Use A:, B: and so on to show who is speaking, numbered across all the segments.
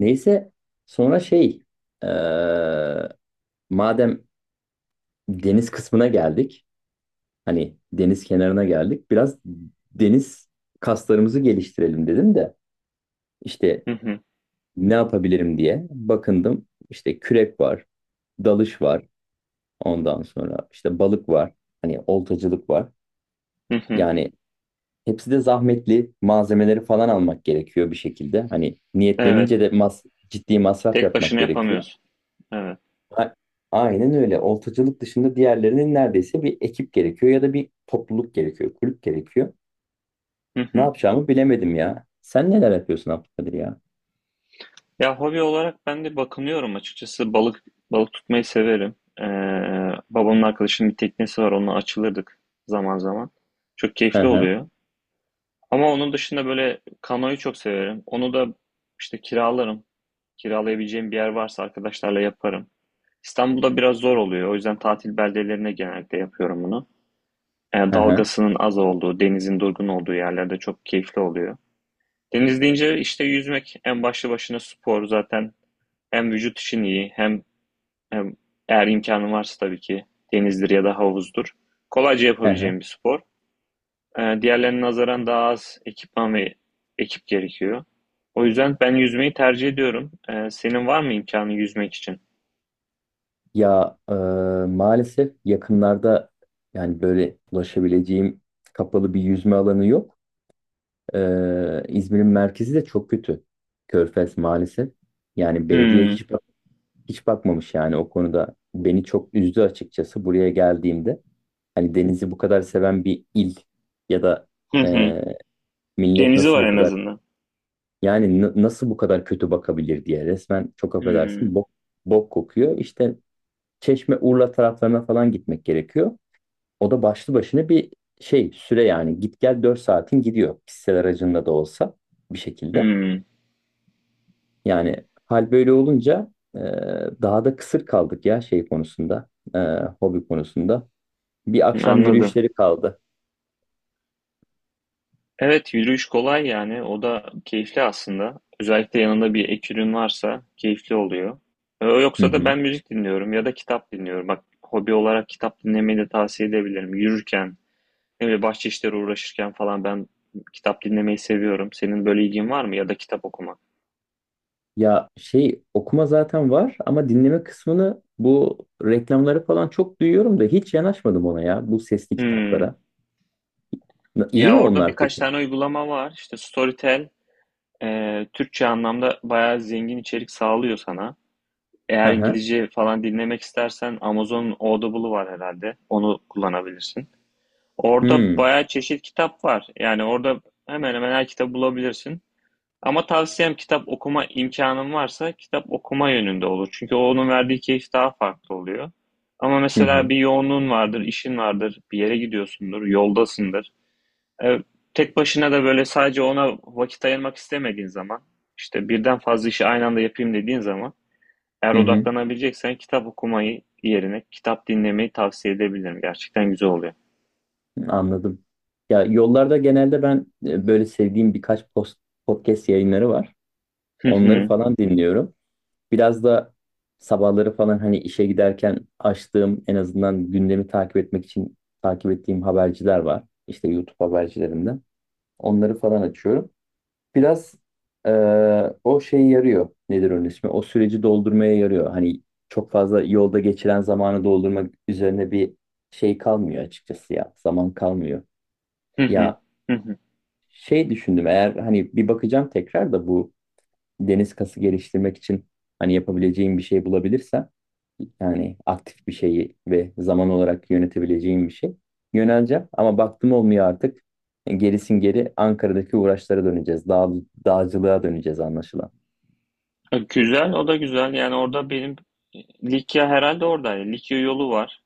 A: Neyse, sonra şey eee, madem deniz kısmına geldik, hani deniz kenarına geldik biraz, deniz kaslarımızı geliştirelim dedim de, işte
B: Hı hı,
A: ne yapabilirim diye bakındım. İşte kürek var, dalış var, ondan sonra işte balık var, hani oltacılık var.
B: hı hı.
A: Yani hepsi de zahmetli, malzemeleri falan almak gerekiyor bir şekilde, hani niyetlenince
B: Evet.
A: de ciddi masraf
B: Tek
A: yapmak
B: başına
A: gerekiyor.
B: yapamıyorsun. Evet.
A: A- Aynen öyle. Oltacılık dışında diğerlerinin neredeyse bir ekip gerekiyor ya da bir topluluk gerekiyor, kulüp gerekiyor.
B: Hı
A: Ne
B: hı.
A: yapacağımı bilemedim ya. Sen neler yapıyorsun Abdülkadir ya?
B: Ya hobi olarak ben de bakınıyorum açıkçası. Balık tutmayı severim. Ee, Babamın arkadaşının bir teknesi var. Onunla açılırdık zaman zaman. Çok
A: Hı
B: keyifli
A: hı,
B: oluyor. Ama onun dışında böyle kanoyu çok severim. Onu da işte kiralarım. Kiralayabileceğim bir yer varsa arkadaşlarla yaparım. İstanbul'da biraz zor oluyor. O yüzden tatil beldelerine genellikle yapıyorum bunu.
A: hı hı,
B: Dalgasının az olduğu, denizin durgun olduğu yerlerde çok keyifli oluyor. Deniz deyince işte yüzmek en başlı başına spor zaten. Hem vücut için iyi hem eğer imkanın varsa tabii ki denizdir ya da havuzdur. Kolayca
A: hı hı.
B: yapabileceğim bir spor. Diğerlerine nazaran daha az ekipman ve ekip gerekiyor. O yüzden ben yüzmeyi tercih ediyorum. Senin var mı imkanı yüzmek için?
A: Ya maalesef yakınlarda, yani böyle ulaşabileceğim kapalı bir yüzme alanı yok. E, İzmir'in merkezi de çok kötü. Körfez maalesef. Yani belediye
B: Hmm.
A: hiç hiç bakmamış, yani o konuda beni çok üzdü açıkçası buraya geldiğimde. Hani denizi bu kadar seven bir il, ya da
B: Hı hı.
A: e, millet
B: Denizi
A: nasıl
B: var
A: bu
B: en
A: kadar,
B: azından.
A: yani nasıl bu kadar kötü bakabilir diye, resmen çok
B: Hmm.
A: affedersin bok kokuyor. İşte Çeşme Urla taraflarına falan gitmek gerekiyor. O da başlı başına bir şey süre, yani git gel 4 saatin gidiyor, kişisel aracında da olsa bir şekilde.
B: Hmm.
A: Yani hal böyle olunca daha da kısır kaldık ya şey konusunda, e, hobi konusunda. Bir akşam
B: Anladım.
A: yürüyüşleri kaldı.
B: Evet, yürüyüş kolay yani. O da keyifli aslında. Özellikle yanında bir ek ürün varsa keyifli oluyor.
A: Hı
B: Yoksa da
A: hı.
B: ben müzik dinliyorum ya da kitap dinliyorum. Bak hobi olarak kitap dinlemeyi de tavsiye edebilirim. Yürürken, ne bileyim bahçe işleri uğraşırken falan ben kitap dinlemeyi seviyorum. Senin böyle ilgin var mı ya da kitap okumak?
A: Ya şey okuma zaten var ama dinleme kısmını, bu reklamları falan çok duyuyorum da hiç yanaşmadım ona ya, bu sesli kitaplara.
B: Hmm.
A: İyi
B: Ya
A: mi
B: orada
A: onlar
B: birkaç
A: peki?
B: tane uygulama var. İşte Storytel Türkçe anlamda bayağı zengin içerik sağlıyor sana.
A: Hı
B: Eğer
A: hı.
B: İngilizce falan dinlemek istersen Amazon'un Audible'ı var herhalde. Onu kullanabilirsin. Orada
A: Hmm.
B: bayağı çeşit kitap var. Yani orada hemen hemen her kitabı bulabilirsin. Ama tavsiyem kitap okuma imkanın varsa kitap okuma yönünde olur. Çünkü onun verdiği keyif daha farklı oluyor. Ama
A: Hı hı.
B: mesela bir yoğunluğun vardır, işin vardır, bir yere gidiyorsundur, yoldasındır. E, Tek başına da böyle sadece ona vakit ayırmak istemediğin zaman, işte birden fazla işi aynı anda yapayım dediğin zaman eğer
A: Hı hı.
B: odaklanabileceksen kitap okumayı yerine kitap dinlemeyi tavsiye edebilirim. Gerçekten güzel oluyor.
A: Anladım. Ya yollarda genelde ben böyle sevdiğim birkaç podcast yayınları var.
B: Hı
A: Onları
B: hı.
A: falan dinliyorum. Biraz da sabahları falan hani işe giderken açtığım, en azından gündemi takip etmek için takip ettiğim haberciler var. İşte YouTube habercilerinden. Onları falan açıyorum. Biraz eee, o şey yarıyor. Nedir onun ismi? O süreci doldurmaya yarıyor. Hani çok fazla yolda geçiren zamanı doldurmak üzerine bir şey kalmıyor açıkçası ya. Zaman kalmıyor.
B: Hı hı.
A: Ya
B: Hı hı.
A: şey düşündüm, eğer hani bir bakacağım tekrar da bu deniz kası geliştirmek için hani yapabileceğim bir şey bulabilirsem, yani aktif bir şeyi ve zaman olarak yönetebileceğim bir şey, yöneleceğim. Ama baktım olmuyor artık. E, gerisin geri Ankara'daki uğraşlara döneceğiz. Dağcılığa döneceğiz anlaşılan.
B: Güzel, o da güzel. Yani orada benim Likya herhalde orada. Likya yolu var.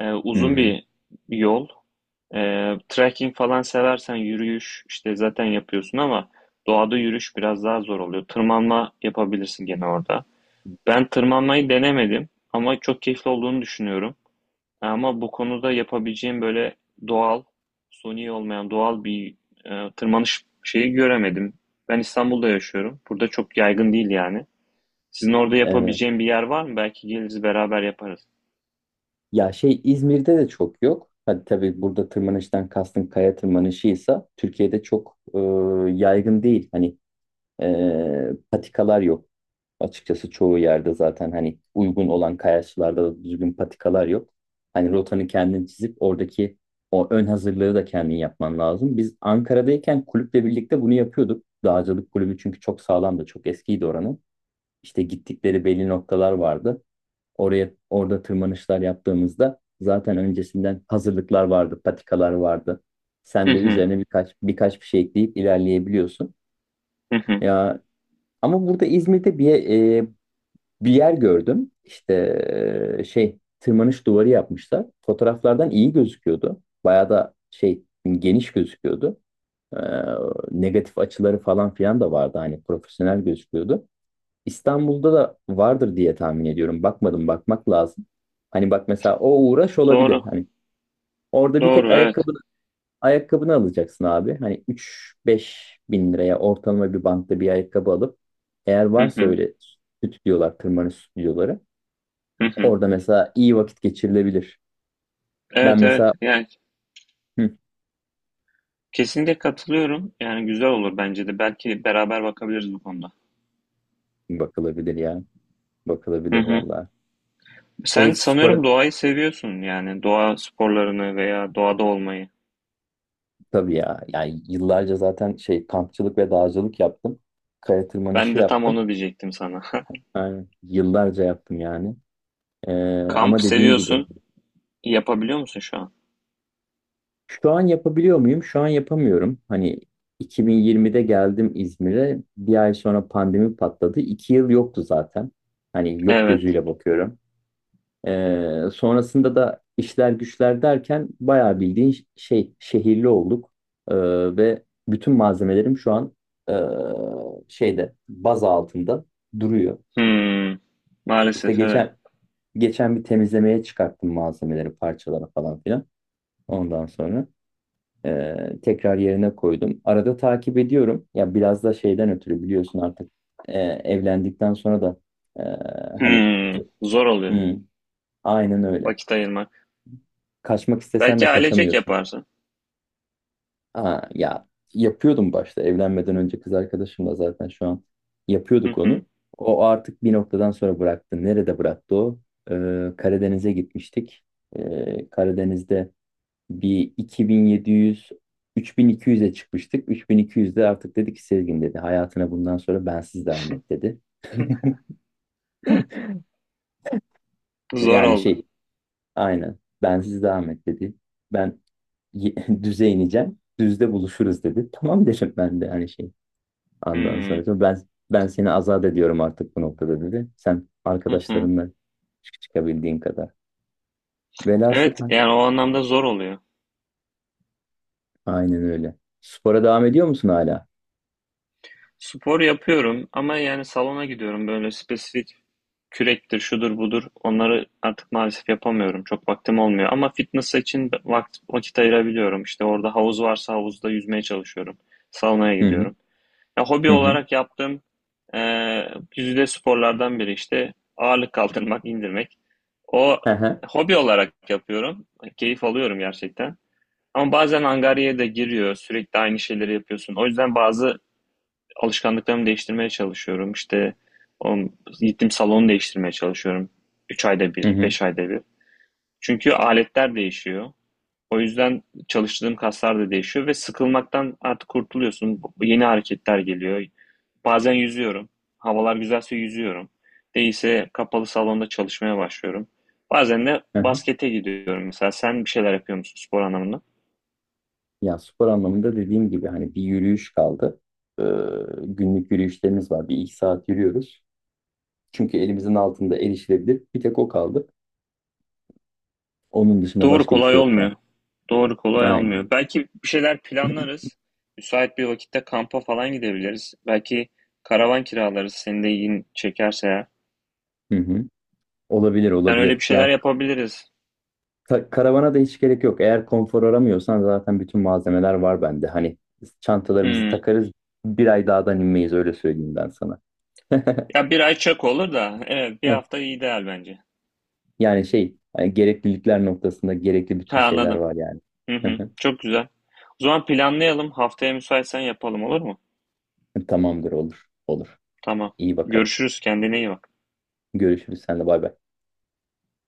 B: Uzun
A: Hı,
B: bir yol. E, Trekking falan seversen yürüyüş işte zaten yapıyorsun ama doğada yürüyüş biraz daha zor oluyor. Tırmanma yapabilirsin gene orada. Ben tırmanmayı denemedim ama çok keyifli olduğunu düşünüyorum. Ama bu konuda yapabileceğim böyle doğal, suni olmayan doğal bir tırmanış şeyi göremedim. Ben İstanbul'da yaşıyorum. Burada çok yaygın değil yani. Sizin orada
A: evet.
B: yapabileceğim bir yer var mı? Belki geliriz beraber yaparız.
A: Ya şey İzmir'de de çok yok. Hadi tabii burada tırmanıştan kastın kaya tırmanışıysa, Türkiye'de çok yaygın değil. Hani patikalar yok. Açıkçası çoğu yerde zaten hani uygun olan kayaçlarda da düzgün patikalar yok. Hani rotanı kendin çizip oradaki o ön hazırlığı da kendin yapman lazım. Biz Ankara'dayken kulüple birlikte bunu yapıyorduk. Dağcılık kulübü çünkü çok sağlamdı, çok eskiydi oranın. İşte gittikleri belli noktalar vardı. Oraya, orada tırmanışlar yaptığımızda zaten öncesinden hazırlıklar vardı, patikalar vardı.
B: Hı
A: Sen de
B: hı,
A: üzerine birkaç bir şey ekleyip ilerleyebiliyorsun.
B: hı hı.
A: Ya ama burada İzmir'de bir yer gördüm. İşte şey tırmanış duvarı yapmışlar. Fotoğraflardan iyi gözüküyordu. Bayağı da şey geniş gözüküyordu. E, negatif açıları falan filan da vardı. Hani profesyonel gözüküyordu. İstanbul'da da vardır diye tahmin ediyorum. Bakmadım, bakmak lazım. Hani bak mesela, o uğraş olabilir.
B: Doğru,
A: Hani orada bir tek
B: doğru, evet.
A: ayakkabını alacaksın abi. Hani 3-5 bin liraya ortalama bir bankta bir ayakkabı alıp, eğer
B: Hı
A: varsa
B: hı,
A: öyle stüdyolar, tırmanış stüdyoları,
B: hı hı.
A: orada mesela iyi vakit geçirilebilir. Ben
B: Evet,
A: mesela
B: evet. Yani
A: hı,
B: kesinlikle katılıyorum. Yani güzel olur bence de. Belki beraber bakabiliriz bu konuda.
A: bakılabilir ya.
B: Hı
A: Bakılabilir
B: hı.
A: valla. E,
B: Sen
A: spora
B: sanıyorum doğayı seviyorsun yani doğa sporlarını veya doğada olmayı.
A: tabii ya. Yani yıllarca zaten şey kampçılık ve dağcılık yaptım. Kaya
B: Ben
A: tırmanışı
B: de tam
A: yaptım.
B: onu diyecektim sana.
A: Yani yıllarca yaptım yani. E,
B: Kamp
A: ama dediğim gibi
B: seviyorsun. Yapabiliyor musun şu an?
A: şu an yapabiliyor muyum? Şu an yapamıyorum. Hani 2020'de geldim İzmir'e. Bir ay sonra pandemi patladı. 2 yıl yoktu zaten. Hani yok
B: Evet.
A: gözüyle bakıyorum. Sonrasında da işler güçler derken bayağı bildiğin şey şehirli olduk. Ee, ve bütün malzemelerim şu an ee, şeyde baz altında duruyor.
B: Hmm.
A: İşte
B: Maalesef evet.
A: geçen bir temizlemeye çıkarttım malzemeleri, parçalara falan filan. Ondan sonra tekrar yerine koydum. Arada takip ediyorum. Ya biraz da şeyden ötürü biliyorsun artık evlendikten sonra da hani.
B: Hmm. Zor oluyor.
A: Hmm, aynen öyle.
B: Vakit ayırmak.
A: Kaçmak istesen de
B: Belki ailecek
A: kaçamıyorsun.
B: yaparsın.
A: Aa, ya yapıyordum başta, evlenmeden önce kız arkadaşımla zaten, şu an
B: Hı
A: yapıyorduk
B: hı.
A: onu. O artık bir noktadan sonra bıraktı. Nerede bıraktı o? Karadeniz'e gitmiştik. Karadeniz'de bir 2700, 3200'e çıkmıştık. 3200'de artık dedi ki, Sezgin dedi, hayatına bundan sonra bensiz devam et dedi.
B: Zor
A: Yani
B: oldu.
A: şey aynen bensiz devam et dedi. Ben y- düze ineceğim. Düzde buluşuruz dedi. Tamam dedim ben de hani şey. Ondan
B: Hmm.
A: sonra diyor, ben seni azat ediyorum artık bu noktada dedi. Sen
B: Hı hı.
A: arkadaşlarınla çıkabildiğin kadar. Velhasıl
B: Evet yani o anlamda zor oluyor.
A: aynen öyle. Spora devam ediyor musun hala?
B: Spor yapıyorum ama yani salona gidiyorum böyle spesifik kürektir, şudur budur. Onları artık maalesef yapamıyorum. Çok vaktim olmuyor. Ama fitness için vakit ayırabiliyorum. İşte orada havuz varsa havuzda yüzmeye çalışıyorum. Saunaya
A: Hı hı,
B: gidiyorum. Ya, hobi
A: hı hı.
B: olarak yaptığım e, güzide sporlardan biri işte ağırlık kaldırmak, indirmek. O
A: Hı hı,
B: hobi olarak yapıyorum. Keyif alıyorum gerçekten. Ama bazen angaryaya da giriyor. Sürekli aynı şeyleri yapıyorsun. O yüzden bazı alışkanlıklarımı değiştirmeye çalışıyorum. O, gittim salonu değiştirmeye çalışıyorum. üç ayda
A: hı
B: bir,
A: hı,
B: 5 ayda bir. Çünkü aletler değişiyor. O yüzden çalıştığım kaslar da değişiyor ve sıkılmaktan artık kurtuluyorsun. Yeni hareketler geliyor. Bazen yüzüyorum. Havalar güzelse yüzüyorum. Değilse kapalı salonda çalışmaya başlıyorum. Bazen de
A: hı hı.
B: baskete gidiyorum mesela. Sen bir şeyler yapıyor musun spor anlamında?
A: Ya spor anlamında dediğim gibi, hani bir yürüyüş kaldı. Ee, günlük yürüyüşlerimiz var. Bir iki saat yürüyoruz. Çünkü elimizin altında, erişilebilir. Bir tek o kaldı. Onun dışında
B: Doğru
A: başka bir şey
B: kolay
A: yok ya.
B: olmuyor. Doğru kolay almıyor.
A: Aynen.
B: Belki bir şeyler planlarız. Müsait bir vakitte kampa falan gidebiliriz. Belki karavan kiralarız. Senin de ilgini çekerse eğer.
A: Hı hı. Olabilir
B: Yani öyle bir
A: olabilir. Ya
B: şeyler yapabiliriz.
A: Karavana da hiç gerek yok. Eğer konfor aramıyorsan zaten bütün malzemeler var bende. Hani biz çantalarımızı
B: Hmm.
A: takarız. Bir ay dağdan inmeyiz öyle söyleyeyim ben sana.
B: Ya 1 ay çok olur da. Evet 1 hafta ideal bence.
A: Yani şey hani, gereklilikler noktasında gerekli bütün
B: Ha
A: şeyler
B: anladım.
A: var yani.
B: Hı hı. Çok güzel. O zaman planlayalım. Haftaya müsaitsen yapalım olur mu?
A: Tamamdır, olur. Olur.
B: Tamam.
A: İyi bakalım.
B: Görüşürüz. Kendine iyi bak.
A: Görüşürüz senle, bay bay.